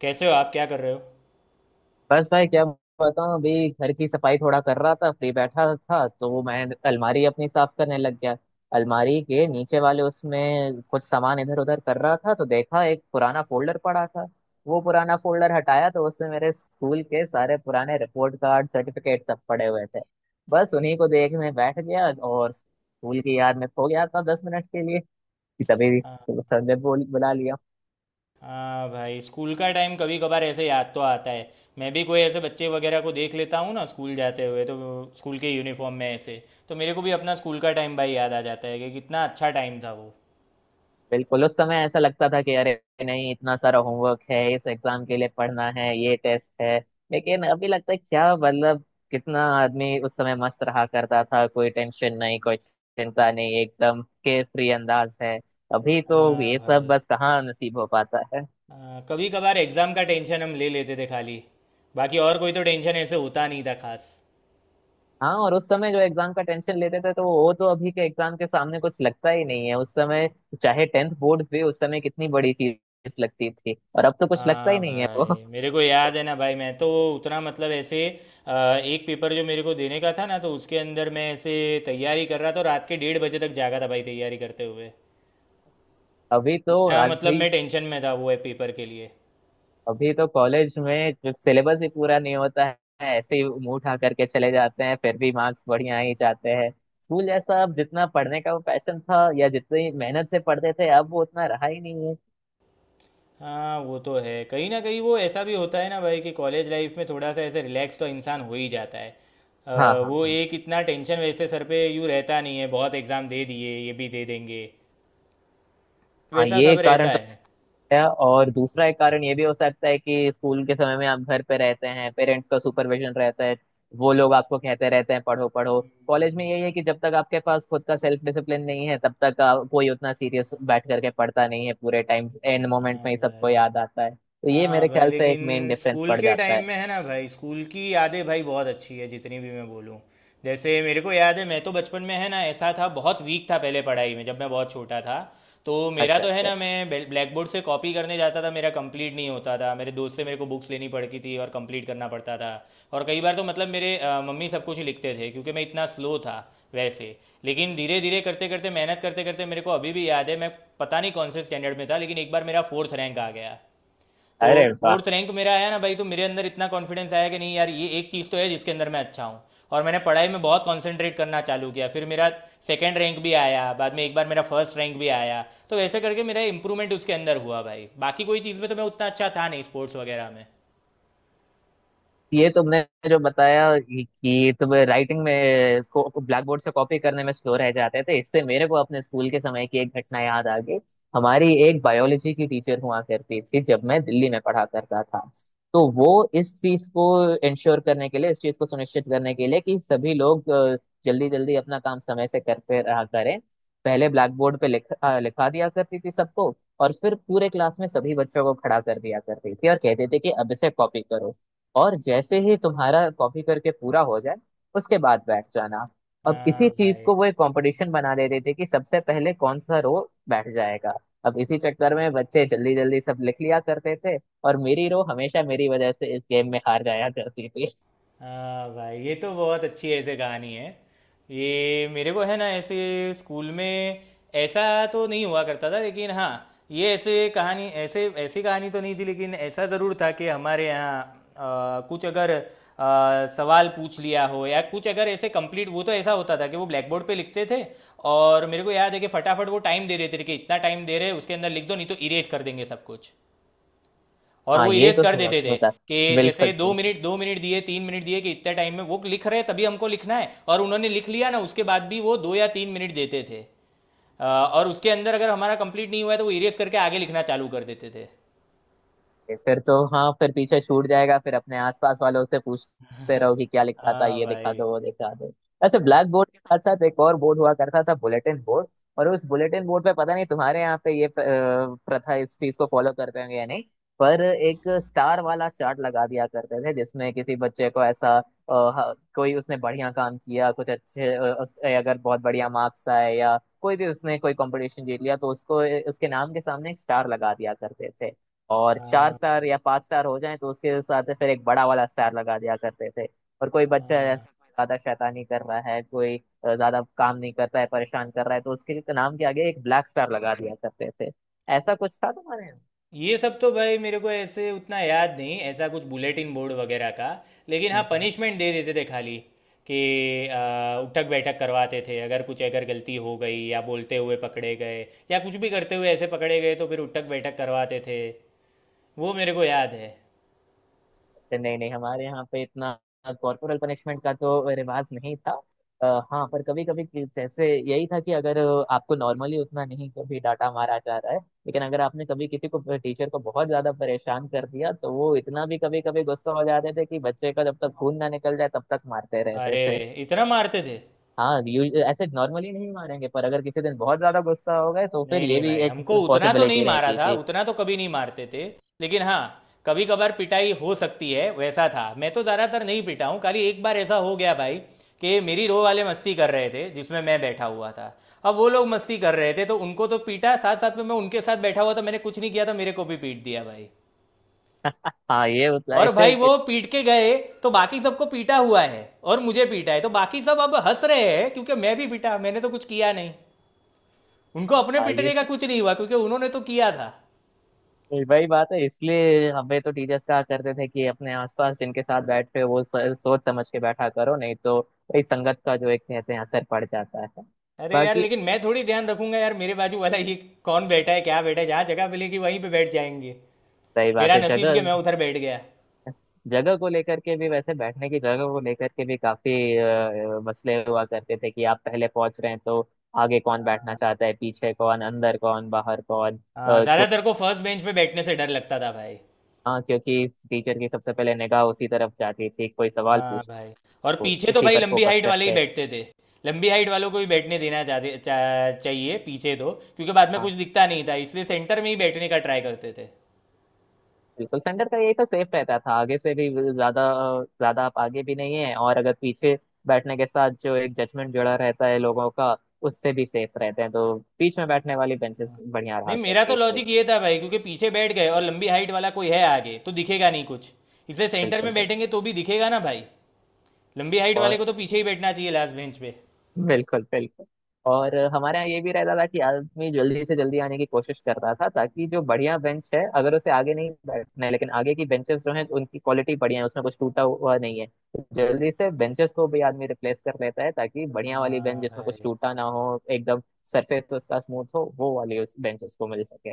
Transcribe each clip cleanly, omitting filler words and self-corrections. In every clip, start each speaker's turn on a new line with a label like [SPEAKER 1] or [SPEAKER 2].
[SPEAKER 1] कैसे हो आप क्या कर रहे हो?
[SPEAKER 2] बस भाई क्या बताऊं। अभी घर की सफाई थोड़ा कर रहा था, फ्री बैठा था तो मैं अलमारी अपनी साफ करने लग गया। अलमारी के नीचे वाले उसमें कुछ सामान इधर उधर कर रहा था तो देखा एक पुराना फोल्डर पड़ा था। वो पुराना फोल्डर हटाया तो उसमें मेरे स्कूल के सारे पुराने रिपोर्ट कार्ड सर्टिफिकेट सब पड़े हुए थे। बस उन्हीं को देखने बैठ गया और स्कूल की याद में खो गया था 10 मिनट के लिए कि तभी
[SPEAKER 1] हाँ।
[SPEAKER 2] सर ने बोल बुला लिया।
[SPEAKER 1] हाँ भाई, स्कूल का टाइम कभी कभार ऐसे याद तो आता है। मैं भी कोई ऐसे बच्चे वगैरह को देख लेता हूँ ना स्कूल जाते हुए, तो स्कूल के यूनिफॉर्म में ऐसे, तो मेरे को भी अपना स्कूल का टाइम भाई याद आ जाता है कि कितना अच्छा टाइम था वो।
[SPEAKER 2] बिल्कुल, उस समय ऐसा लगता था कि अरे नहीं, इतना सारा होमवर्क है, इस एग्जाम के लिए पढ़ना है, ये टेस्ट है। लेकिन अभी लगता है क्या मतलब, कितना आदमी उस समय मस्त रहा करता था, कोई टेंशन नहीं, कोई चिंता नहीं, एकदम केयर फ्री अंदाज है। अभी तो
[SPEAKER 1] हाँ
[SPEAKER 2] ये सब
[SPEAKER 1] भाई।
[SPEAKER 2] बस कहाँ नसीब हो पाता है।
[SPEAKER 1] हाँ, कभी कभार एग्ज़ाम का टेंशन हम ले लेते थे खाली। बाकी और कोई तो टेंशन ऐसे होता नहीं था खास।
[SPEAKER 2] हाँ, और उस समय जो एग्जाम का टेंशन लेते थे तो वो तो अभी के एग्जाम के सामने कुछ लगता ही नहीं है उस समय। चाहे टेंथ बोर्ड्स भी उस समय कितनी बड़ी चीज लगती थी और अब तो कुछ लगता ही
[SPEAKER 1] हाँ
[SPEAKER 2] नहीं है वो
[SPEAKER 1] भाई, मेरे को याद है ना भाई, मैं तो उतना मतलब ऐसे, अ, एक पेपर जो मेरे को देने का था ना, तो उसके अंदर मैं ऐसे तैयारी कर रहा था, रात के 1:30 बजे तक जागा था भाई तैयारी करते हुए।
[SPEAKER 2] अभी तो
[SPEAKER 1] इतना मतलब
[SPEAKER 2] आदमी,
[SPEAKER 1] मैं टेंशन में था वो है पेपर के लिए।
[SPEAKER 2] अभी तो कॉलेज में सिलेबस ही पूरा नहीं होता है। ऐसे ही मुंह उठा करके चले जाते हैं, फिर भी मार्क्स बढ़िया ही जाते हैं। स्कूल जैसा अब जितना पढ़ने का वो पैशन था या जितनी मेहनत से पढ़ते थे, अब वो उतना रहा ही नहीं है।
[SPEAKER 1] हाँ, वो तो है कहीं ना कहीं, वो ऐसा भी होता है ना भाई कि कॉलेज लाइफ में थोड़ा सा ऐसे रिलैक्स तो इंसान हो ही जाता है।
[SPEAKER 2] हाँ
[SPEAKER 1] अ,
[SPEAKER 2] हाँ
[SPEAKER 1] वो
[SPEAKER 2] हाँ।
[SPEAKER 1] एक इतना टेंशन वैसे सर पे यूँ रहता नहीं है, बहुत एग्ज़ाम दे दिए ये भी दे देंगे,
[SPEAKER 2] हाँ,
[SPEAKER 1] वैसा
[SPEAKER 2] ये
[SPEAKER 1] सब रहता
[SPEAKER 2] कारण तो
[SPEAKER 1] है।
[SPEAKER 2] है, और दूसरा एक कारण ये भी हो सकता है कि स्कूल के समय में आप घर पे रहते हैं, पेरेंट्स का सुपरविजन रहता है। वो लोग आपको कहते रहते हैं पढ़ो पढ़ो। कॉलेज में
[SPEAKER 1] हम्म।
[SPEAKER 2] यही है कि जब तक आपके पास खुद का सेल्फ डिसिप्लिन नहीं है तब तक कोई उतना सीरियस बैठ करके पढ़ता नहीं है। पूरे टाइम एंड मोमेंट में
[SPEAKER 1] हाँ
[SPEAKER 2] ही सबको
[SPEAKER 1] भाई।
[SPEAKER 2] याद आता है, तो ये मेरे
[SPEAKER 1] हाँ भाई
[SPEAKER 2] ख्याल से एक
[SPEAKER 1] लेकिन
[SPEAKER 2] मेन डिफरेंस
[SPEAKER 1] स्कूल
[SPEAKER 2] पड़
[SPEAKER 1] के
[SPEAKER 2] जाता
[SPEAKER 1] टाइम
[SPEAKER 2] है।
[SPEAKER 1] में है ना भाई, स्कूल की यादें भाई बहुत अच्छी है जितनी भी मैं बोलूँ। जैसे मेरे को याद है, मैं तो बचपन में है ना ऐसा था, बहुत वीक था पहले पढ़ाई में जब मैं बहुत छोटा था। तो मेरा
[SPEAKER 2] अच्छा
[SPEAKER 1] तो है ना,
[SPEAKER 2] अच्छा।
[SPEAKER 1] मैं ब्लैक बोर्ड से कॉपी करने जाता था, मेरा कंप्लीट नहीं होता था, मेरे दोस्त से मेरे को बुक्स लेनी पड़ती थी और कंप्लीट करना पड़ता था। और कई बार तो मतलब मेरे मम्मी सब कुछ लिखते थे क्योंकि मैं इतना स्लो था वैसे। लेकिन धीरे धीरे करते करते, मेहनत करते करते, मेरे को अभी भी याद है, मैं पता नहीं कौन से स्टैंडर्ड में था, लेकिन एक बार मेरा फोर्थ रैंक आ गया। तो
[SPEAKER 2] अरे वाह।
[SPEAKER 1] फोर्थ रैंक मेरा आया ना भाई, तो मेरे अंदर इतना कॉन्फिडेंस आया कि नहीं यार, ये एक चीज़ तो है जिसके अंदर मैं अच्छा हूँ। और मैंने पढ़ाई में बहुत कंसंट्रेट करना चालू किया, फिर मेरा सेकंड रैंक भी आया, बाद में एक बार मेरा फर्स्ट रैंक भी आया। तो वैसे करके मेरा इंप्रूवमेंट उसके अंदर हुआ भाई, बाकी कोई चीज़ में तो मैं उतना अच्छा था नहीं, स्पोर्ट्स वगैरह में।
[SPEAKER 2] ये तुमने जो बताया कि तुम राइटिंग में इसको ब्लैक बोर्ड से कॉपी करने में स्लो रह जाते थे, इससे मेरे को अपने स्कूल के समय की एक घटना याद आ गई। हमारी एक बायोलॉजी की टीचर हुआ करती थी जब मैं दिल्ली में पढ़ा करता था। तो वो इस चीज को इंश्योर करने के लिए, इस चीज को सुनिश्चित करने के लिए कि सभी लोग जल्दी जल्दी अपना काम समय से करते रहा करें, पहले ब्लैक बोर्ड पे लिखा लिखा दिया करती थी सबको, और फिर पूरे क्लास में सभी बच्चों को खड़ा कर दिया करती थी और कहते थे कि अब इसे कॉपी करो, और जैसे ही तुम्हारा कॉपी करके पूरा हो जाए उसके बाद बैठ जाना। अब इसी
[SPEAKER 1] हाँ
[SPEAKER 2] चीज
[SPEAKER 1] भाई।
[SPEAKER 2] को वो एक कंपटीशन बना देते थे कि सबसे पहले कौन सा रो बैठ जाएगा। अब इसी चक्कर में बच्चे जल्दी जल्दी सब लिख लिया करते थे, और मेरी रो हमेशा मेरी वजह से इस गेम में हार जाया करती थी।
[SPEAKER 1] हाँ भाई, ये तो बहुत अच्छी ऐसे कहानी है। ये मेरे को है ना, ऐसे स्कूल में ऐसा तो नहीं हुआ करता था, लेकिन हाँ, ये ऐसे कहानी ऐसे ऐसी कहानी तो नहीं थी, लेकिन ऐसा ज़रूर था कि हमारे यहाँ अ, कुछ अगर सवाल पूछ लिया हो या कुछ अगर ऐसे कंप्लीट वो, तो ऐसा होता था कि वो ब्लैक बोर्ड पे लिखते थे। और मेरे को याद है कि फटाफट वो टाइम दे देते थे कि इतना टाइम दे रहे हैं, उसके अंदर लिख दो नहीं तो इरेज कर देंगे सब कुछ। और
[SPEAKER 2] हाँ,
[SPEAKER 1] वो
[SPEAKER 2] ये
[SPEAKER 1] इरेज
[SPEAKER 2] तो
[SPEAKER 1] कर
[SPEAKER 2] हुआ
[SPEAKER 1] देते थे
[SPEAKER 2] होता।
[SPEAKER 1] कि
[SPEAKER 2] बिल्कुल
[SPEAKER 1] जैसे दो
[SPEAKER 2] बिल्कुल।
[SPEAKER 1] मिनट दो मिनट दिए, 3 मिनट दिए, कि इतने टाइम में वो लिख रहे हैं, तभी हमको लिखना है, और उन्होंने लिख लिया ना उसके बाद भी वो 2 या 3 मिनट देते थे। और उसके अंदर अगर हमारा कंप्लीट नहीं हुआ है तो वो इरेज करके आगे लिखना चालू कर देते थे।
[SPEAKER 2] ये फिर तो, हाँ, फिर पीछे छूट जाएगा, फिर अपने आसपास वालों से पूछते रहो कि क्या लिखा था,
[SPEAKER 1] हाँ
[SPEAKER 2] ये दिखा
[SPEAKER 1] भाई।
[SPEAKER 2] दो वो दिखा दो। ऐसे
[SPEAKER 1] हाँ।
[SPEAKER 2] ब्लैक बोर्ड के साथ साथ एक और बोर्ड हुआ करता था, बुलेटिन बोर्ड। और उस बुलेटिन बोर्ड पे, पता नहीं तुम्हारे यहाँ पे ये प्रथा इस चीज को फॉलो करते होंगे या नहीं, पर एक स्टार वाला चार्ट लगा दिया करते थे जिसमें किसी बच्चे को ऐसा कोई उसने बढ़िया काम किया, कुछ अच्छे अगर बहुत बढ़िया मार्क्स आए या कोई भी उसने कोई कंपटीशन जीत लिया तो उसको उसके नाम के सामने एक स्टार लगा दिया करते थे। और चार
[SPEAKER 1] हाँ
[SPEAKER 2] स्टार
[SPEAKER 1] भाई।
[SPEAKER 2] या पांच स्टार हो जाए तो उसके साथ फिर एक बड़ा वाला स्टार लगा दिया करते थे। और कोई बच्चा
[SPEAKER 1] हाँ,
[SPEAKER 2] ऐसा कोई ज्यादा शैतानी कर रहा है, कोई ज्यादा काम नहीं करता है, परेशान कर रहा है, तो उसके नाम के आगे एक ब्लैक स्टार लगा दिया करते थे। ऐसा कुछ था तुम्हारे यहाँ?
[SPEAKER 1] ये सब तो भाई मेरे को ऐसे उतना याद नहीं, ऐसा कुछ बुलेटिन बोर्ड वगैरह का। लेकिन हाँ,
[SPEAKER 2] हम्म
[SPEAKER 1] पनिशमेंट दे देते थे खाली, कि उठक बैठक करवाते थे अगर कुछ अगर गलती हो गई या बोलते हुए पकड़े गए या कुछ भी करते हुए ऐसे पकड़े गए तो फिर उठक बैठक करवाते थे। वो मेरे को याद है।
[SPEAKER 2] नहीं नहीं, हमारे यहाँ पे इतना कॉर्पोरल पनिशमेंट का तो रिवाज नहीं था। हाँ, पर कभी कभी जैसे यही था कि अगर आपको नॉर्मली उतना नहीं कभी डांटा मारा जा रहा है, लेकिन अगर आपने कभी किसी को, टीचर को बहुत ज्यादा परेशान कर दिया तो वो इतना भी कभी कभी गुस्सा हो जाते थे कि बच्चे का जब तक खून ना निकल जाए तब तक मारते रहते
[SPEAKER 1] अरे रे,
[SPEAKER 2] थे।
[SPEAKER 1] इतना मारते थे?
[SPEAKER 2] हाँ, ऐसे नॉर्मली नहीं मारेंगे, पर अगर किसी दिन बहुत ज्यादा गुस्सा हो गए तो फिर
[SPEAKER 1] नहीं
[SPEAKER 2] ये
[SPEAKER 1] नहीं
[SPEAKER 2] भी
[SPEAKER 1] भाई,
[SPEAKER 2] एक
[SPEAKER 1] हमको उतना तो नहीं
[SPEAKER 2] पॉसिबिलिटी
[SPEAKER 1] मारा
[SPEAKER 2] रहती
[SPEAKER 1] था,
[SPEAKER 2] थी।
[SPEAKER 1] उतना तो कभी नहीं मारते थे। लेकिन हाँ कभी कभार पिटाई हो सकती है वैसा था। मैं तो ज़्यादातर नहीं पिटा हूँ, खाली एक बार ऐसा हो गया भाई कि मेरी रो वाले मस्ती कर रहे थे जिसमें मैं बैठा हुआ था। अब वो लोग मस्ती कर रहे थे तो उनको तो पीटा, साथ साथ में मैं उनके साथ बैठा हुआ था, मैंने कुछ नहीं किया था, मेरे को भी पीट दिया भाई। और
[SPEAKER 2] इससे,
[SPEAKER 1] भाई वो पीट के गए, तो बाकी सबको पीटा हुआ है और मुझे पीटा है, तो बाकी सब अब हंस रहे हैं क्योंकि मैं भी पीटा, मैंने तो कुछ किया नहीं। उनको अपने
[SPEAKER 2] हाँ,
[SPEAKER 1] पीटने
[SPEAKER 2] ये
[SPEAKER 1] का कुछ नहीं हुआ क्योंकि उन्होंने तो किया था।
[SPEAKER 2] वही वही बात है। इसलिए हमें तो टीचर्स कहा करते थे कि अपने आसपास जिनके साथ बैठते हो वो सोच समझ के बैठा करो नहीं तो वही संगत का जो एक कहते हैं असर पड़ जाता है।
[SPEAKER 1] अरे यार,
[SPEAKER 2] बाकी
[SPEAKER 1] लेकिन मैं थोड़ी ध्यान रखूंगा यार, मेरे बाजू वाला ये कौन बैठा है क्या बैठा है, जहाँ जगह मिलेगी वहीं पे बैठ जाएंगे।
[SPEAKER 2] सही बात
[SPEAKER 1] मेरा
[SPEAKER 2] है।
[SPEAKER 1] नसीब कि
[SPEAKER 2] जगह,
[SPEAKER 1] मैं उधर बैठ गया।
[SPEAKER 2] जगह को लेकर के भी, वैसे बैठने की जगह को लेकर के भी काफी मसले हुआ करते थे कि आप पहले पहुंच रहे हैं तो आगे कौन बैठना चाहता है, पीछे कौन, अंदर कौन, बाहर कौन, अ,
[SPEAKER 1] हाँ,
[SPEAKER 2] कोई
[SPEAKER 1] ज़्यादातर को फर्स्ट बेंच पे बैठने से डर लगता था भाई।
[SPEAKER 2] हाँ, क्योंकि टीचर की सबसे पहले निगाह उसी तरफ जाती थी, कोई सवाल
[SPEAKER 1] हाँ
[SPEAKER 2] पूछना
[SPEAKER 1] भाई।
[SPEAKER 2] होता
[SPEAKER 1] और
[SPEAKER 2] था, तो
[SPEAKER 1] पीछे तो
[SPEAKER 2] उसी
[SPEAKER 1] भाई
[SPEAKER 2] पर
[SPEAKER 1] लंबी
[SPEAKER 2] फोकस
[SPEAKER 1] हाइट वाले ही
[SPEAKER 2] करते।
[SPEAKER 1] बैठते थे। लंबी हाइट वालों को ही बैठने देना चाहिए पीछे तो, क्योंकि बाद में
[SPEAKER 2] हाँ,
[SPEAKER 1] कुछ दिखता नहीं था, इसलिए सेंटर में ही बैठने का ट्राई करते थे।
[SPEAKER 2] बिल्कुल, सेंटर का यही तो सेफ रहता था। आगे से भी ज्यादा ज्यादा आप आगे भी नहीं है, और अगर पीछे बैठने के साथ जो एक जजमेंट जुड़ा रहता है लोगों का, उससे भी सेफ रहते हैं, तो बीच में बैठने वाली बेंचेस बढ़िया
[SPEAKER 1] नहीं,
[SPEAKER 2] रहा
[SPEAKER 1] मेरा तो
[SPEAKER 2] करती थी।
[SPEAKER 1] लॉजिक ये था भाई, क्योंकि पीछे बैठ गए और लंबी हाइट वाला कोई है आगे, तो दिखेगा नहीं कुछ, इसलिए सेंटर में
[SPEAKER 2] बिल्कुल,
[SPEAKER 1] बैठेंगे तो भी दिखेगा ना भाई। लंबी हाइट
[SPEAKER 2] बिल्कुल
[SPEAKER 1] वाले को तो पीछे ही बैठना चाहिए, लास्ट बेंच पे।
[SPEAKER 2] बिल्कुल बिल्कुल। और हमारे यहाँ ये भी रहता था कि आदमी जल्दी से जल्दी आने की कोशिश करता था ताकि जो बढ़िया बेंच है, अगर उसे आगे नहीं बैठना है लेकिन आगे की बेंचेस जो हैं उनकी क्वालिटी बढ़िया है, उसमें कुछ टूटा हुआ नहीं है, तो जल्दी से बेंचेस को भी आदमी रिप्लेस कर लेता है ताकि बढ़िया वाली बेंच
[SPEAKER 1] हाँ
[SPEAKER 2] जिसमें कुछ
[SPEAKER 1] भाई।
[SPEAKER 2] टूटा ना हो एकदम, सरफेस तो उसका स्मूथ हो, वो वाली उस बेंचेस को मिल सके।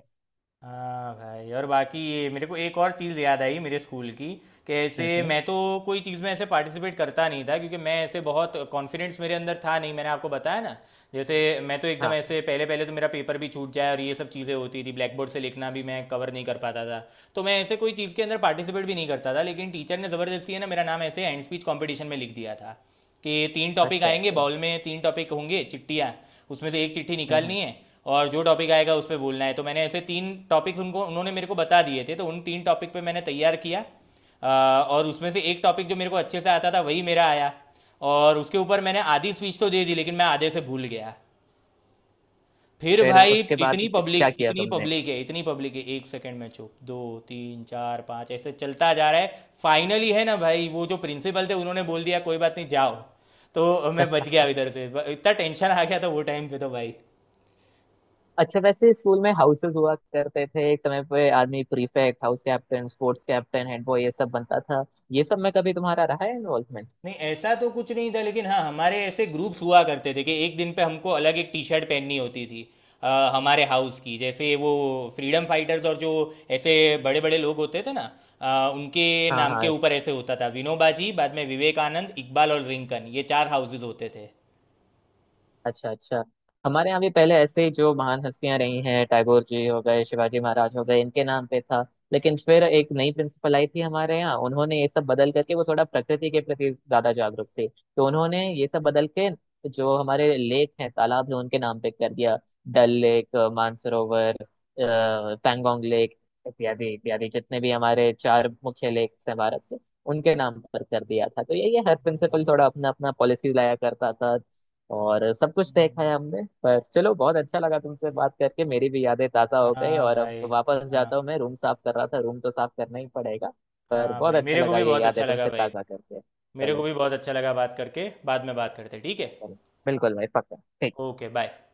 [SPEAKER 1] हाँ भाई, और बाकी ये मेरे को एक और चीज़ याद आई मेरे स्कूल की, कि ऐसे
[SPEAKER 2] हम्म।
[SPEAKER 1] मैं तो कोई चीज़ में ऐसे पार्टिसिपेट करता नहीं था, क्योंकि मैं ऐसे बहुत कॉन्फिडेंस मेरे अंदर था नहीं, मैंने आपको बताया ना। जैसे मैं तो एकदम
[SPEAKER 2] हाँ।
[SPEAKER 1] ऐसे पहले पहले तो मेरा पेपर भी छूट जाए और ये सब चीज़ें होती थी, ब्लैक बोर्ड से लिखना भी मैं कवर नहीं कर पाता था। तो मैं ऐसे कोई चीज़ के अंदर पार्टिसिपेट भी नहीं करता था, लेकिन टीचर ने ज़बरदस्ती है ना मेरा नाम ऐसे हैंड स्पीच कॉम्पिटिशन में लिख दिया था कि तीन टॉपिक
[SPEAKER 2] अच्छा।
[SPEAKER 1] आएंगे
[SPEAKER 2] तो
[SPEAKER 1] बाउल में, तीन टॉपिक होंगे चिट्ठियाँ, उसमें से एक चिट्ठी
[SPEAKER 2] हम्म हम्म।
[SPEAKER 1] निकालनी है, और जो टॉपिक आएगा उस पर बोलना है। तो मैंने ऐसे तीन टॉपिक्स उनको, उन्होंने मेरे को बता दिए थे, तो उन तीन टॉपिक पे मैंने तैयार किया। अ, और उसमें से एक टॉपिक जो मेरे को अच्छे से आता था वही मेरा आया। और उसके ऊपर मैंने आधी स्पीच तो दे दी लेकिन मैं आधे से भूल गया। फिर
[SPEAKER 2] फिर
[SPEAKER 1] भाई
[SPEAKER 2] उसके बाद क्या किया
[SPEAKER 1] इतनी
[SPEAKER 2] तुमने?
[SPEAKER 1] पब्लिक है इतनी पब्लिक है, 1 सेकंड में चुप, दो तीन चार पाँच ऐसे चलता जा रहा है, फाइनली है ना भाई वो जो प्रिंसिपल थे उन्होंने बोल दिया कोई बात नहीं जाओ। तो मैं बच गया इधर से। इतना टेंशन आ गया था वो टाइम पे तो भाई।
[SPEAKER 2] अच्छा, वैसे स्कूल में हाउसेस हुआ करते थे। एक समय पे आदमी prefect, house captain, sports captain, head boy, ये सब बनता था। ये सब में कभी तुम्हारा रहा है इन्वॉल्वमेंट?
[SPEAKER 1] नहीं ऐसा तो कुछ नहीं था लेकिन हाँ, हमारे ऐसे ग्रुप्स हुआ करते थे कि एक दिन पे हमको अलग एक टी शर्ट पहननी होती थी हमारे हाउस की, जैसे वो फ्रीडम फाइटर्स और जो ऐसे बड़े बड़े लोग होते थे ना, उनके
[SPEAKER 2] हाँ
[SPEAKER 1] नाम के
[SPEAKER 2] हाँ।
[SPEAKER 1] ऊपर ऐसे होता था, विनोबाजी बाद में विवेकानंद इकबाल और रिंकन, ये चार हाउसेज होते थे।
[SPEAKER 2] अच्छा अच्छा। हमारे यहाँ भी पहले ऐसे ही जो महान हस्तियां रही हैं, टैगोर जी हो गए, शिवाजी महाराज हो गए, इनके नाम पे था। लेकिन फिर एक नई प्रिंसिपल आई थी हमारे यहाँ, उन्होंने ये सब बदल करके, वो थोड़ा प्रकृति के प्रति ज्यादा जागरूक थी तो उन्होंने ये सब बदल के जो हमारे लेक हैं, तालाब है, उनके नाम पे कर दिया। डल लेक, मानसरोवर, पैंगोंग लेक, इत्यादि इत्यादि, जितने भी हमारे चार मुख्य लेक हैं भारत से, उनके नाम पर कर दिया था। तो यही है, हर प्रिंसिपल थोड़ा अपना अपना पॉलिसी लाया करता था, और सब कुछ देखा
[SPEAKER 1] हम्म।
[SPEAKER 2] है हमने। पर चलो, बहुत अच्छा लगा तुमसे बात करके, मेरी भी यादें ताज़ा हो गई,
[SPEAKER 1] हाँ
[SPEAKER 2] और अब
[SPEAKER 1] भाई।
[SPEAKER 2] वापस
[SPEAKER 1] हाँ।
[SPEAKER 2] जाता हूँ, मैं रूम साफ कर रहा था, रूम तो साफ करना ही पड़ेगा। पर
[SPEAKER 1] हाँ
[SPEAKER 2] बहुत
[SPEAKER 1] भाई,
[SPEAKER 2] अच्छा
[SPEAKER 1] मेरे को
[SPEAKER 2] लगा
[SPEAKER 1] भी
[SPEAKER 2] ये
[SPEAKER 1] बहुत
[SPEAKER 2] यादें
[SPEAKER 1] अच्छा लगा
[SPEAKER 2] तुमसे
[SPEAKER 1] भाई।
[SPEAKER 2] ताज़ा करके,
[SPEAKER 1] मेरे को
[SPEAKER 2] चलो।
[SPEAKER 1] भी बहुत अच्छा लगा बात करके, बाद में बात करते हैं, ठीक है?
[SPEAKER 2] चलो, बिल्कुल भाई, पक्का, ठीक।
[SPEAKER 1] Okay bye.